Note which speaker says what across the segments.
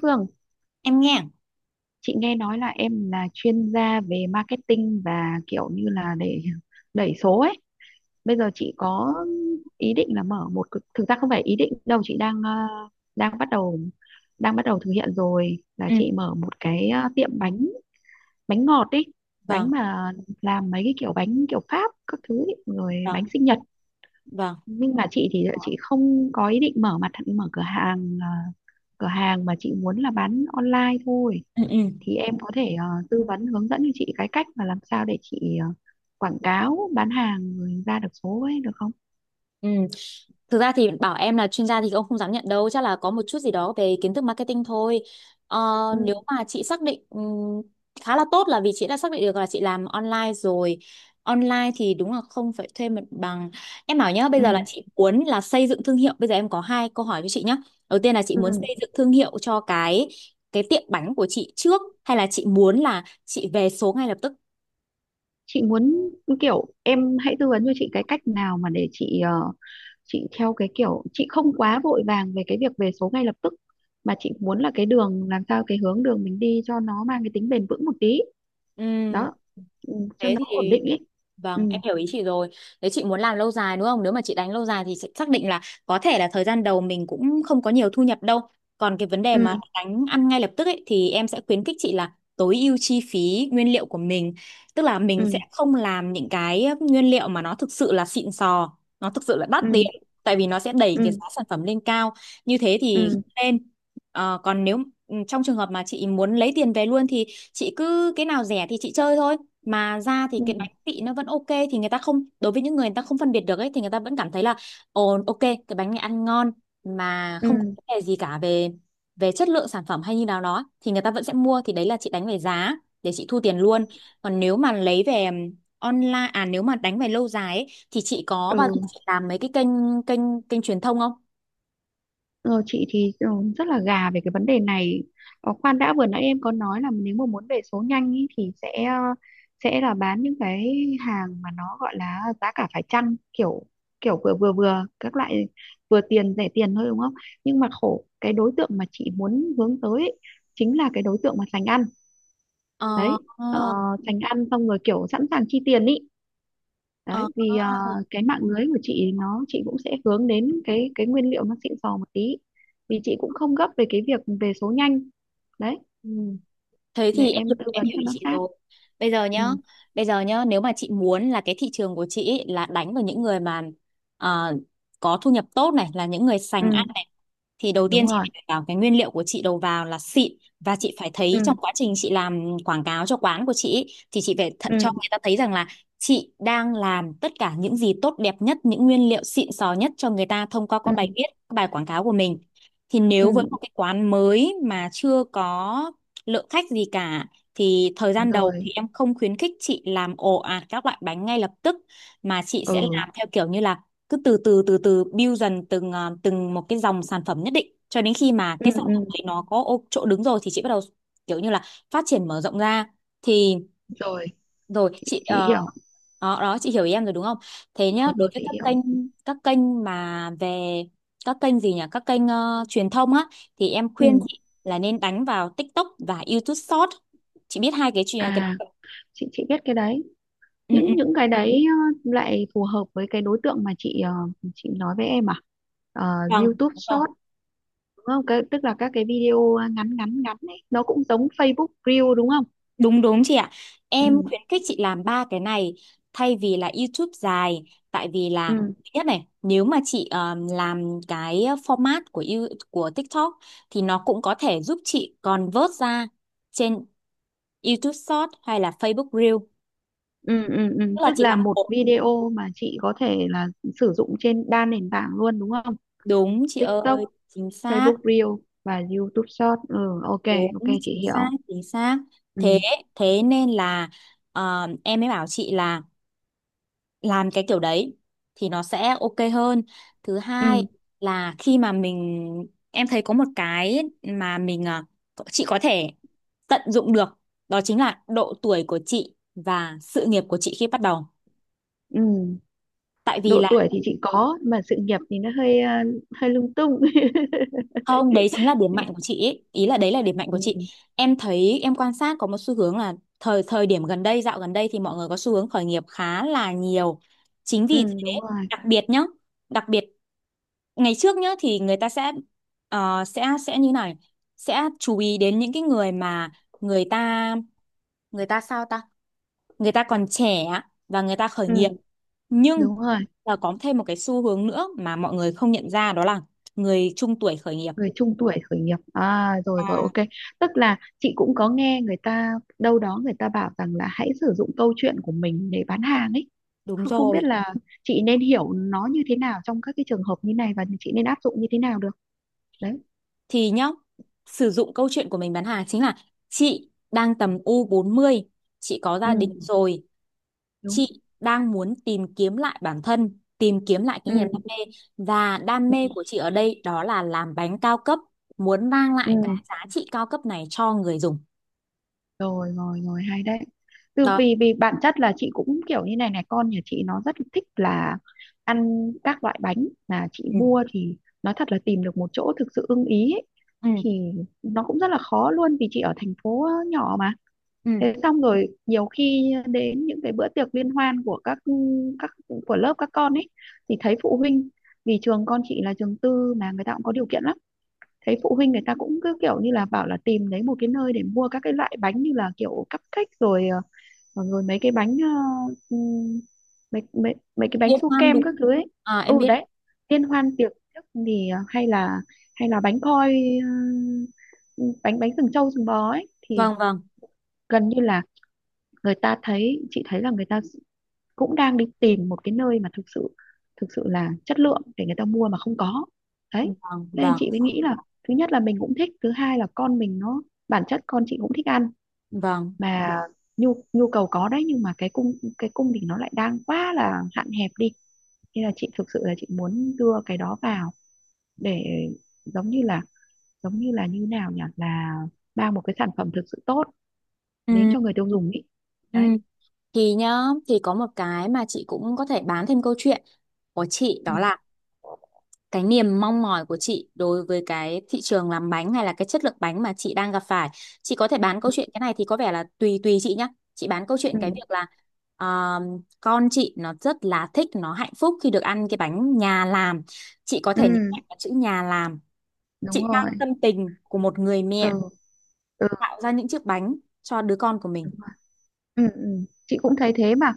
Speaker 1: Phương,
Speaker 2: Em nghe.
Speaker 1: chị nghe nói là em là chuyên gia về marketing và kiểu như là để đẩy số ấy. Bây giờ chị có ý định là mở thực ra không phải ý định đâu, chị đang bắt đầu đang bắt đầu thực hiện rồi, là
Speaker 2: Ừ,
Speaker 1: chị mở một cái, tiệm bánh, bánh ngọt ấy, bánh
Speaker 2: vâng.
Speaker 1: mà làm mấy cái kiểu bánh kiểu Pháp các thứ ấy, rồi
Speaker 2: Rồi,
Speaker 1: bánh sinh nhật.
Speaker 2: vâng.
Speaker 1: Nhưng mà chị thì chị không có ý định mở cửa hàng, cửa hàng mà chị muốn là bán online thôi,
Speaker 2: Ừ, ừ,
Speaker 1: thì em có thể tư vấn hướng dẫn cho chị cái cách mà làm sao để chị quảng cáo bán hàng rồi ra được số ấy, được không?
Speaker 2: ừ. Thực ra thì bảo em là chuyên gia thì ông không dám nhận đâu, chắc là có một chút gì đó về kiến thức marketing thôi. Ờ, nếu
Speaker 1: Ừ,
Speaker 2: mà chị xác định khá là tốt là vì chị đã xác định được là chị làm online rồi. Online thì đúng là không phải thuê mặt bằng. Em bảo nhá, bây giờ là
Speaker 1: ừ,
Speaker 2: chị muốn là xây dựng thương hiệu. Bây giờ em có hai câu hỏi với chị nhá. Đầu tiên là chị
Speaker 1: ừ.
Speaker 2: muốn xây dựng thương hiệu cho cái tiệm bánh của chị trước hay là chị muốn là chị về số ngay lập tức?
Speaker 1: Chị muốn kiểu em hãy tư vấn cho chị cái cách nào mà để chị theo cái kiểu chị không quá vội vàng về cái việc về số ngay lập tức, mà chị muốn là cái đường làm sao, cái hướng đường mình đi cho nó mang cái tính bền vững một tí
Speaker 2: Ừm.
Speaker 1: đó, ừ, cho
Speaker 2: thế
Speaker 1: nó ổn
Speaker 2: thì
Speaker 1: định ấy. Ừ,
Speaker 2: vâng, em hiểu ý chị rồi. Nếu chị muốn làm lâu dài đúng không, nếu mà chị đánh lâu dài thì sẽ xác định là có thể là thời gian đầu mình cũng không có nhiều thu nhập đâu. Còn cái vấn đề
Speaker 1: ừ,
Speaker 2: mà đánh ăn ngay lập tức ấy thì em sẽ khuyến khích chị là tối ưu chi phí nguyên liệu của mình, tức là mình sẽ
Speaker 1: ừ,
Speaker 2: không làm những cái nguyên liệu mà nó thực sự là xịn sò, nó thực sự là đắt tiền,
Speaker 1: ừ,
Speaker 2: tại vì nó sẽ đẩy cái
Speaker 1: ừ,
Speaker 2: giá sản phẩm lên cao, như thế thì
Speaker 1: ừ,
Speaker 2: không nên. Ờ, còn nếu trong trường hợp mà chị muốn lấy tiền về luôn thì chị cứ cái nào rẻ thì chị chơi thôi, mà ra thì
Speaker 1: ừ,
Speaker 2: cái bánh vị nó vẫn ok thì người ta không, đối với những người người ta không phân biệt được ấy thì người ta vẫn cảm thấy là ồ ok, cái bánh này ăn ngon mà không có
Speaker 1: ừ,
Speaker 2: vấn đề gì cả về về chất lượng sản phẩm hay như nào đó thì người ta vẫn sẽ mua, thì đấy là chị đánh về giá để chị thu tiền luôn. Còn nếu mà lấy về online à, nếu mà đánh về lâu dài ấy, thì chị có bao giờ
Speaker 1: ừ.
Speaker 2: chị làm mấy cái kênh kênh kênh truyền thông không?
Speaker 1: Ờ, chị thì rất là gà về cái vấn đề này. Khoan đã, vừa nãy em có nói là nếu mà muốn về số nhanh ý, thì sẽ là bán những cái hàng mà nó gọi là giá cả phải chăng, kiểu kiểu vừa vừa vừa các loại, vừa tiền rẻ tiền thôi, đúng không? Nhưng mà khổ, cái đối tượng mà chị muốn hướng tới ý, chính là cái đối tượng mà sành ăn
Speaker 2: ờ
Speaker 1: đấy, ờ,
Speaker 2: ờ
Speaker 1: sành ăn xong rồi kiểu sẵn sàng chi tiền ý
Speaker 2: ờ
Speaker 1: đấy, vì cái mạng lưới của chị nó, chị cũng sẽ hướng đến cái nguyên liệu nó xịn sò một tí, vì chị cũng không gấp về cái việc về số nhanh đấy,
Speaker 2: ừ. Thế
Speaker 1: để
Speaker 2: thì
Speaker 1: em tư
Speaker 2: em
Speaker 1: vấn
Speaker 2: hiểu
Speaker 1: cho
Speaker 2: ý
Speaker 1: nó
Speaker 2: chị
Speaker 1: sát.
Speaker 2: rồi. Bây giờ nhá,
Speaker 1: Ừ,
Speaker 2: bây giờ nhá, nếu mà chị muốn là cái thị trường của chị ý là đánh vào những người mà ờ, có thu nhập tốt này, là những người sành
Speaker 1: ừ,
Speaker 2: ăn, thì đầu tiên
Speaker 1: đúng
Speaker 2: chị
Speaker 1: rồi.
Speaker 2: phải đảm bảo cái nguyên liệu của chị đầu vào là xịn, và chị phải thấy trong
Speaker 1: Ừ,
Speaker 2: quá trình chị làm quảng cáo cho quán của chị ý, thì chị phải
Speaker 1: ừ,
Speaker 2: cho người ta thấy rằng là chị đang làm tất cả những gì tốt đẹp nhất, những nguyên liệu xịn sò nhất cho người ta thông qua các bài
Speaker 1: ừ,
Speaker 2: viết, các bài quảng cáo của mình. Thì nếu với một
Speaker 1: ừ,
Speaker 2: cái quán mới mà chưa có lượng khách gì cả thì thời gian đầu
Speaker 1: rồi.
Speaker 2: thì em không khuyến khích chị làm ồ ạt các loại bánh ngay lập tức, mà chị sẽ
Speaker 1: Ừ,
Speaker 2: làm theo kiểu như là cứ từ từ từ từ build dần từng từng một cái dòng sản phẩm nhất định cho đến khi mà
Speaker 1: ừ,
Speaker 2: cái sản phẩm
Speaker 1: ừ,
Speaker 2: đấy nó có chỗ đứng rồi thì chị bắt đầu kiểu như là phát triển mở rộng ra. Thì
Speaker 1: rồi
Speaker 2: rồi chị
Speaker 1: chị hiểu.
Speaker 2: đó, đó chị hiểu ý em rồi đúng không? Thế nhá,
Speaker 1: Rồi,
Speaker 2: đối
Speaker 1: rồi,
Speaker 2: với
Speaker 1: chị
Speaker 2: các
Speaker 1: hiểu.
Speaker 2: kênh các kênh mà về các kênh gì nhỉ? Các kênh truyền thông á, thì em khuyên
Speaker 1: Ừ,
Speaker 2: chị là nên đánh vào TikTok và YouTube Short. Chị biết hai cái chuyện cái...
Speaker 1: à, chị biết cái đấy,
Speaker 2: Ừ, ừ,
Speaker 1: những cái đấy lại phù hợp với cái đối tượng mà chị nói với em à. Ờ,
Speaker 2: vâng.
Speaker 1: YouTube Short, đúng không? Tức là các cái video ngắn ngắn ngắn này nó cũng giống Facebook Reel, đúng không?
Speaker 2: Đúng đúng chị ạ.
Speaker 1: Ừ,
Speaker 2: Em khuyến khích chị làm ba cái này thay vì là YouTube dài, tại vì là
Speaker 1: ừ,
Speaker 2: thứ nhất này, nếu mà chị làm cái format của của TikTok thì nó cũng có thể giúp chị convert ra trên YouTube Short hay là Facebook Reel.
Speaker 1: ừ, ừ, ừ.
Speaker 2: Tức là
Speaker 1: Tức
Speaker 2: chị
Speaker 1: là
Speaker 2: làm
Speaker 1: một
Speaker 2: một,
Speaker 1: video mà chị có thể là sử dụng trên đa nền tảng luôn, đúng không?
Speaker 2: đúng chị
Speaker 1: TikTok,
Speaker 2: ơi, chính xác,
Speaker 1: Facebook Reel và YouTube Short. Ừ, ok,
Speaker 2: đúng
Speaker 1: ok
Speaker 2: chính
Speaker 1: chị
Speaker 2: xác,
Speaker 1: hiểu.
Speaker 2: chính xác.
Speaker 1: Ừ,
Speaker 2: Thế thế nên là em mới bảo chị là làm cái kiểu đấy thì nó sẽ ok hơn. Thứ hai
Speaker 1: ừ,
Speaker 2: là khi mà mình, em thấy có một cái mà chị có thể tận dụng được đó chính là độ tuổi của chị và sự nghiệp của chị khi bắt đầu,
Speaker 1: ừ.
Speaker 2: tại vì
Speaker 1: Độ
Speaker 2: là
Speaker 1: tuổi thì chị có, mà sự nghiệp thì nó hơi hơi lung tung.
Speaker 2: không, đấy chính là điểm mạnh của chị ý, ý là đấy là điểm mạnh của chị.
Speaker 1: Ừ,
Speaker 2: Em thấy em quan sát có một xu hướng là thời thời điểm gần đây, dạo gần đây thì mọi người có xu hướng khởi nghiệp khá là nhiều, chính
Speaker 1: ừ,
Speaker 2: vì thế
Speaker 1: đúng rồi.
Speaker 2: đặc biệt nhá, đặc biệt ngày trước nhá thì người ta sẽ sẽ như này sẽ chú ý đến những cái người mà người ta người ta người ta còn trẻ và người ta khởi nghiệp,
Speaker 1: Ừ,
Speaker 2: nhưng
Speaker 1: đúng rồi.
Speaker 2: là có thêm một cái xu hướng nữa mà mọi người không nhận ra đó là người trung tuổi khởi nghiệp.
Speaker 1: Người trung tuổi khởi nghiệp à? Rồi, rồi,
Speaker 2: À,
Speaker 1: ok. Tức là chị cũng có nghe người ta đâu đó, người ta bảo rằng là hãy sử dụng câu chuyện của mình để bán hàng ấy,
Speaker 2: đúng
Speaker 1: không không biết
Speaker 2: rồi.
Speaker 1: là chị nên hiểu nó như thế nào trong các cái trường hợp như này, và chị nên áp dụng như thế nào được đấy.
Speaker 2: Thì nhá, sử dụng câu chuyện của mình bán hàng chính là chị đang tầm u 40, chị có gia đình
Speaker 1: Ừ,
Speaker 2: rồi,
Speaker 1: đúng.
Speaker 2: chị đang muốn tìm kiếm lại bản thân, tìm kiếm lại cái niềm đam
Speaker 1: Ừ,
Speaker 2: mê, và đam
Speaker 1: ừ,
Speaker 2: mê của chị ở đây đó là làm bánh cao cấp, muốn mang
Speaker 1: ừ.
Speaker 2: lại cái giá trị cao cấp này cho người dùng.
Speaker 1: Rồi, rồi, rồi, hay đấy. từ
Speaker 2: Đó.
Speaker 1: vì vì bản chất là chị cũng kiểu như này này, con nhà chị nó rất thích là ăn các loại bánh mà chị
Speaker 2: Ừ,
Speaker 1: mua thì, nói thật là tìm được một chỗ thực sự ưng ý ấy,
Speaker 2: ừ,
Speaker 1: thì nó cũng rất là khó luôn, vì chị ở thành phố nhỏ mà.
Speaker 2: ừ,
Speaker 1: Thế xong rồi nhiều khi đến những cái bữa tiệc liên hoan của các các của lớp các con ấy, thì thấy phụ huynh, vì trường con chị là trường tư mà người ta cũng có điều kiện lắm, thấy phụ huynh người ta cũng cứ kiểu như là bảo là tìm đấy một cái nơi để mua các cái loại bánh như là kiểu cupcake rồi, rồi mấy cái bánh, mấy mấy mấy cái bánh
Speaker 2: liên
Speaker 1: su
Speaker 2: hoan
Speaker 1: kem
Speaker 2: đúng.
Speaker 1: các thứ ấy.
Speaker 2: À, em
Speaker 1: Ừ,
Speaker 2: biết.
Speaker 1: đấy, liên hoan tiệc trước thì hay là bánh khoi, ờ, bánh bánh sừng trâu sừng bò ấy, thì
Speaker 2: Vâng, vâng,
Speaker 1: gần như là người ta thấy chị thấy là người ta cũng đang đi tìm một cái nơi mà thực sự, thực sự là chất lượng, để người ta mua mà không có đấy.
Speaker 2: vâng,
Speaker 1: Nên
Speaker 2: vâng,
Speaker 1: chị mới nghĩ là thứ nhất là mình cũng thích, thứ hai là con mình nó, bản chất con chị cũng thích ăn
Speaker 2: vâng.
Speaker 1: mà, nhu nhu cầu có đấy, nhưng mà cái cung thì nó lại đang quá là hạn hẹp đi, nên là chị thực sự là chị muốn đưa cái đó vào, để giống như là, như nào nhỉ, là mang một cái sản phẩm thực sự tốt đến
Speaker 2: Ừ,
Speaker 1: cho người tiêu dùng ý,
Speaker 2: ừ.
Speaker 1: đấy.
Speaker 2: Thì nhá, thì có một cái mà chị cũng có thể bán thêm câu chuyện của chị
Speaker 1: Ừ.
Speaker 2: đó là cái niềm mong mỏi của chị đối với cái thị trường làm bánh hay là cái chất lượng bánh mà chị đang gặp phải. Chị có thể bán
Speaker 1: Ừ.
Speaker 2: câu chuyện, cái này thì có vẻ là tùy tùy chị nhá. Chị bán câu chuyện
Speaker 1: Ừ.
Speaker 2: cái việc là ờ, con chị nó rất là thích, nó hạnh phúc khi được ăn cái bánh nhà làm, chị có
Speaker 1: Ừ.
Speaker 2: thể nhấn mạnh vào chữ nhà làm.
Speaker 1: Đúng
Speaker 2: Chị mang
Speaker 1: rồi,
Speaker 2: tâm tình của một người
Speaker 1: từ
Speaker 2: mẹ
Speaker 1: từ,
Speaker 2: tạo ra những chiếc bánh cho đứa con của mình.
Speaker 1: đúng. Ừ, ừ. Chị cũng thấy thế mà,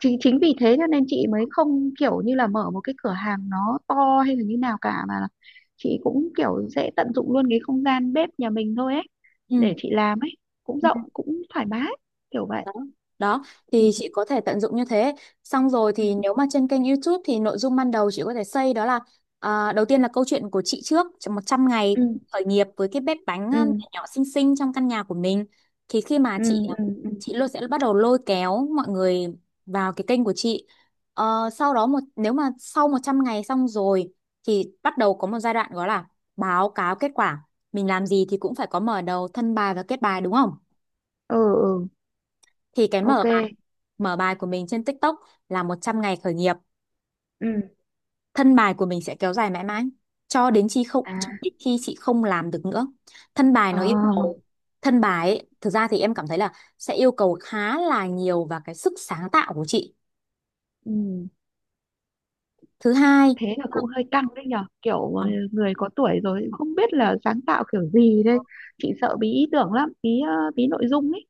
Speaker 1: chính chính vì thế cho nên chị mới không kiểu như là mở một cái cửa hàng nó to hay là như nào cả, mà là chị cũng kiểu sẽ tận dụng luôn cái không gian bếp nhà mình thôi ấy,
Speaker 2: Ừ.
Speaker 1: để chị làm ấy, cũng
Speaker 2: Ừ.
Speaker 1: rộng cũng thoải mái, kiểu vậy.
Speaker 2: Đó, đó,
Speaker 1: Ừ,
Speaker 2: thì chị có thể tận dụng như thế, xong rồi
Speaker 1: ừ,
Speaker 2: thì nếu mà trên kênh YouTube thì nội dung ban đầu chị có thể xây đó là à, đầu tiên là câu chuyện của chị trước trong 100 ngày
Speaker 1: ừ,
Speaker 2: khởi nghiệp với cái bếp bánh
Speaker 1: ừ,
Speaker 2: nhỏ nhỏ xinh xinh trong căn nhà của mình. Thì khi mà
Speaker 1: ừ, ừ, ừ,
Speaker 2: chị luôn sẽ bắt đầu lôi kéo mọi người vào cái kênh của chị. Sau đó một, nếu mà sau 100 ngày xong rồi thì bắt đầu có một giai đoạn gọi là báo cáo kết quả, mình làm gì thì cũng phải có mở đầu, thân bài và kết bài đúng không,
Speaker 1: ừ, ừ,
Speaker 2: thì cái mở
Speaker 1: ok,
Speaker 2: bài, mở bài của mình trên TikTok là 100 ngày khởi nghiệp,
Speaker 1: ừ,
Speaker 2: thân bài của mình sẽ kéo dài mãi mãi cho đến khi không,
Speaker 1: à,
Speaker 2: cho đến khi chị không làm được nữa. Thân bài
Speaker 1: ờ,
Speaker 2: nó yêu cầu, thực ra thì em cảm thấy là sẽ yêu cầu khá là nhiều và cái sức sáng tạo của chị.
Speaker 1: ừ.
Speaker 2: Thứ hai,
Speaker 1: Thế là cũng hơi căng đấy nhở, kiểu người có tuổi rồi không biết là sáng tạo kiểu gì đây, chị sợ bí ý tưởng lắm, bí nội dung ấy.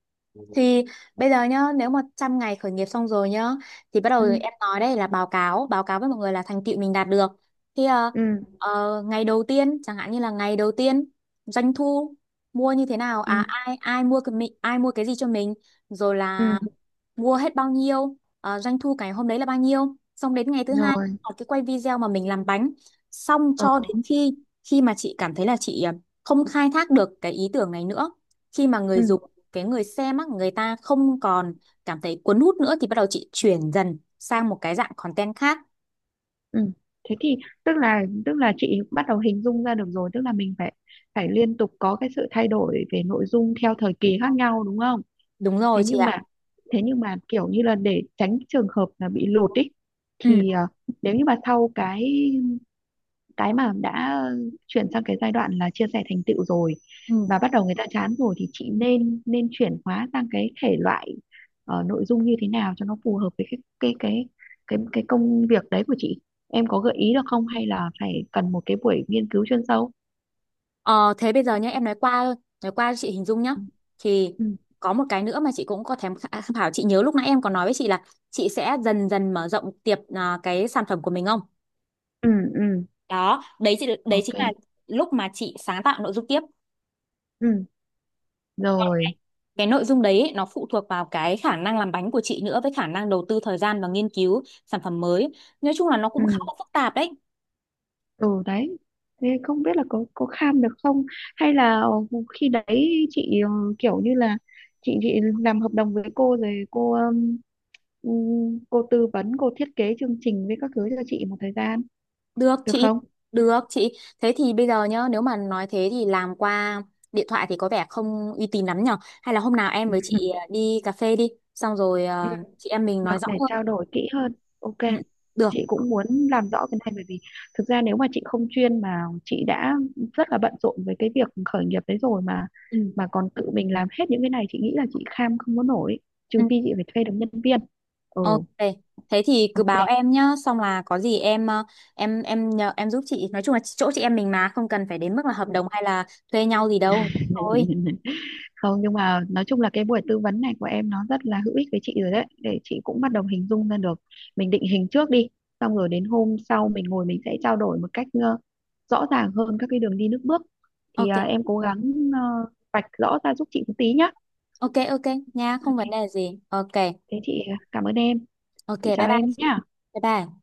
Speaker 2: thì bây giờ nhá, nếu mà 100 ngày khởi nghiệp xong rồi nhá, thì bắt đầu
Speaker 1: Ừ,
Speaker 2: em nói đây là báo cáo với mọi người là thành tựu mình đạt được. Thì
Speaker 1: ừ,
Speaker 2: ngày đầu tiên, chẳng hạn như là ngày đầu tiên doanh thu, mua như thế nào,
Speaker 1: ừ,
Speaker 2: à ai ai mua cái mình, ai mua cái gì cho mình, rồi là
Speaker 1: ừ,
Speaker 2: mua hết bao nhiêu, doanh thu cái hôm đấy là bao nhiêu, xong đến ngày thứ hai
Speaker 1: rồi,
Speaker 2: học cái quay video mà mình làm bánh, xong
Speaker 1: ờ,
Speaker 2: cho đến khi, khi mà chị cảm thấy là chị không khai thác được cái ý tưởng này nữa, khi mà
Speaker 1: ừ,
Speaker 2: người dùng, cái người xem á, người ta không còn cảm thấy cuốn hút nữa thì bắt đầu chị chuyển dần sang một cái dạng content khác.
Speaker 1: ừ. Thế thì, tức là chị bắt đầu hình dung ra được rồi, tức là mình phải phải liên tục có cái sự thay đổi về nội dung theo thời kỳ khác nhau, đúng không?
Speaker 2: Đúng rồi
Speaker 1: thế
Speaker 2: chị
Speaker 1: nhưng
Speaker 2: ạ.
Speaker 1: mà thế nhưng mà kiểu như là để tránh trường hợp là bị lụt ý
Speaker 2: Ừ.
Speaker 1: thì nếu như mà sau cái mà đã chuyển sang cái giai đoạn là chia sẻ thành tựu rồi và
Speaker 2: Ừ.
Speaker 1: bắt đầu người ta chán rồi, thì chị nên nên chuyển hóa sang cái thể loại nội dung như thế nào cho nó phù hợp với cái công việc đấy của chị, em có gợi ý được không, hay là phải cần một cái buổi nghiên cứu chuyên sâu?
Speaker 2: Ờ, thế bây giờ nhé em nói qua thôi, nói qua cho chị hình dung nhá,
Speaker 1: Ừ,
Speaker 2: thì
Speaker 1: ừ,
Speaker 2: có một cái nữa mà chị cũng có tham khảo. Chị nhớ lúc nãy em còn nói với chị là chị sẽ dần dần mở rộng cái sản phẩm của mình không?
Speaker 1: ừ, ừ,
Speaker 2: Đó, đấy chị, đấy
Speaker 1: ok,
Speaker 2: chính là lúc mà chị sáng tạo nội dung tiếp.
Speaker 1: ừ,
Speaker 2: Còn
Speaker 1: rồi,
Speaker 2: cái nội dung đấy ấy, nó phụ thuộc vào cái khả năng làm bánh của chị nữa với khả năng đầu tư thời gian và nghiên cứu sản phẩm mới, nói chung là nó cũng khá
Speaker 1: ừ,
Speaker 2: là phức tạp đấy.
Speaker 1: ừ, đấy. Thế không biết là có kham được không, hay là khi đấy chị kiểu như là chị làm hợp đồng với cô rồi, cô tư vấn, cô thiết kế chương trình với các thứ cho chị một thời gian,
Speaker 2: Được
Speaker 1: được
Speaker 2: chị,
Speaker 1: không?
Speaker 2: được chị. Thế thì bây giờ nhá, nếu mà nói thế thì làm qua điện thoại thì có vẻ không uy tín lắm nhở. Hay là hôm nào em với chị đi cà phê đi, xong rồi
Speaker 1: Ừ,
Speaker 2: chị em mình
Speaker 1: được,
Speaker 2: nói rõ
Speaker 1: để
Speaker 2: hơn.
Speaker 1: trao đổi kỹ hơn, ok.
Speaker 2: Ừ, được.
Speaker 1: Chị cũng muốn làm rõ cái này, bởi vì thực ra nếu mà chị không chuyên mà chị đã rất là bận rộn với cái việc khởi nghiệp đấy rồi, mà
Speaker 2: Ừ.
Speaker 1: mà còn tự mình làm hết những cái này, chị nghĩ là chị kham không có nổi,
Speaker 2: Ừ,
Speaker 1: trừ phi chị phải thuê được nhân viên. Ừ,
Speaker 2: ok. Thế thì cứ báo
Speaker 1: ok,
Speaker 2: em nhá, xong là có gì em nhờ em giúp chị. Nói chung là chỗ chị em mình mà không cần phải đến mức là hợp
Speaker 1: ừ.
Speaker 2: đồng hay là thuê nhau gì đâu. Thôi.
Speaker 1: Không, nhưng mà nói chung là cái buổi tư vấn này của em nó rất là hữu ích với chị rồi đấy, để chị cũng bắt đầu hình dung ra được, mình định hình trước đi, xong rồi đến hôm sau mình ngồi mình sẽ trao đổi một cách rõ ràng hơn các cái đường đi nước bước, thì à,
Speaker 2: Ok,
Speaker 1: em cố gắng ờ, vạch rõ ra giúp chị một tí nhá.
Speaker 2: ok, ok nha, không
Speaker 1: Ok,
Speaker 2: vấn đề gì. Ok,
Speaker 1: thế chị à, cảm ơn em,
Speaker 2: ok,
Speaker 1: chị
Speaker 2: bye
Speaker 1: chào
Speaker 2: bye
Speaker 1: em
Speaker 2: chị.
Speaker 1: nhá.
Speaker 2: Bye bye.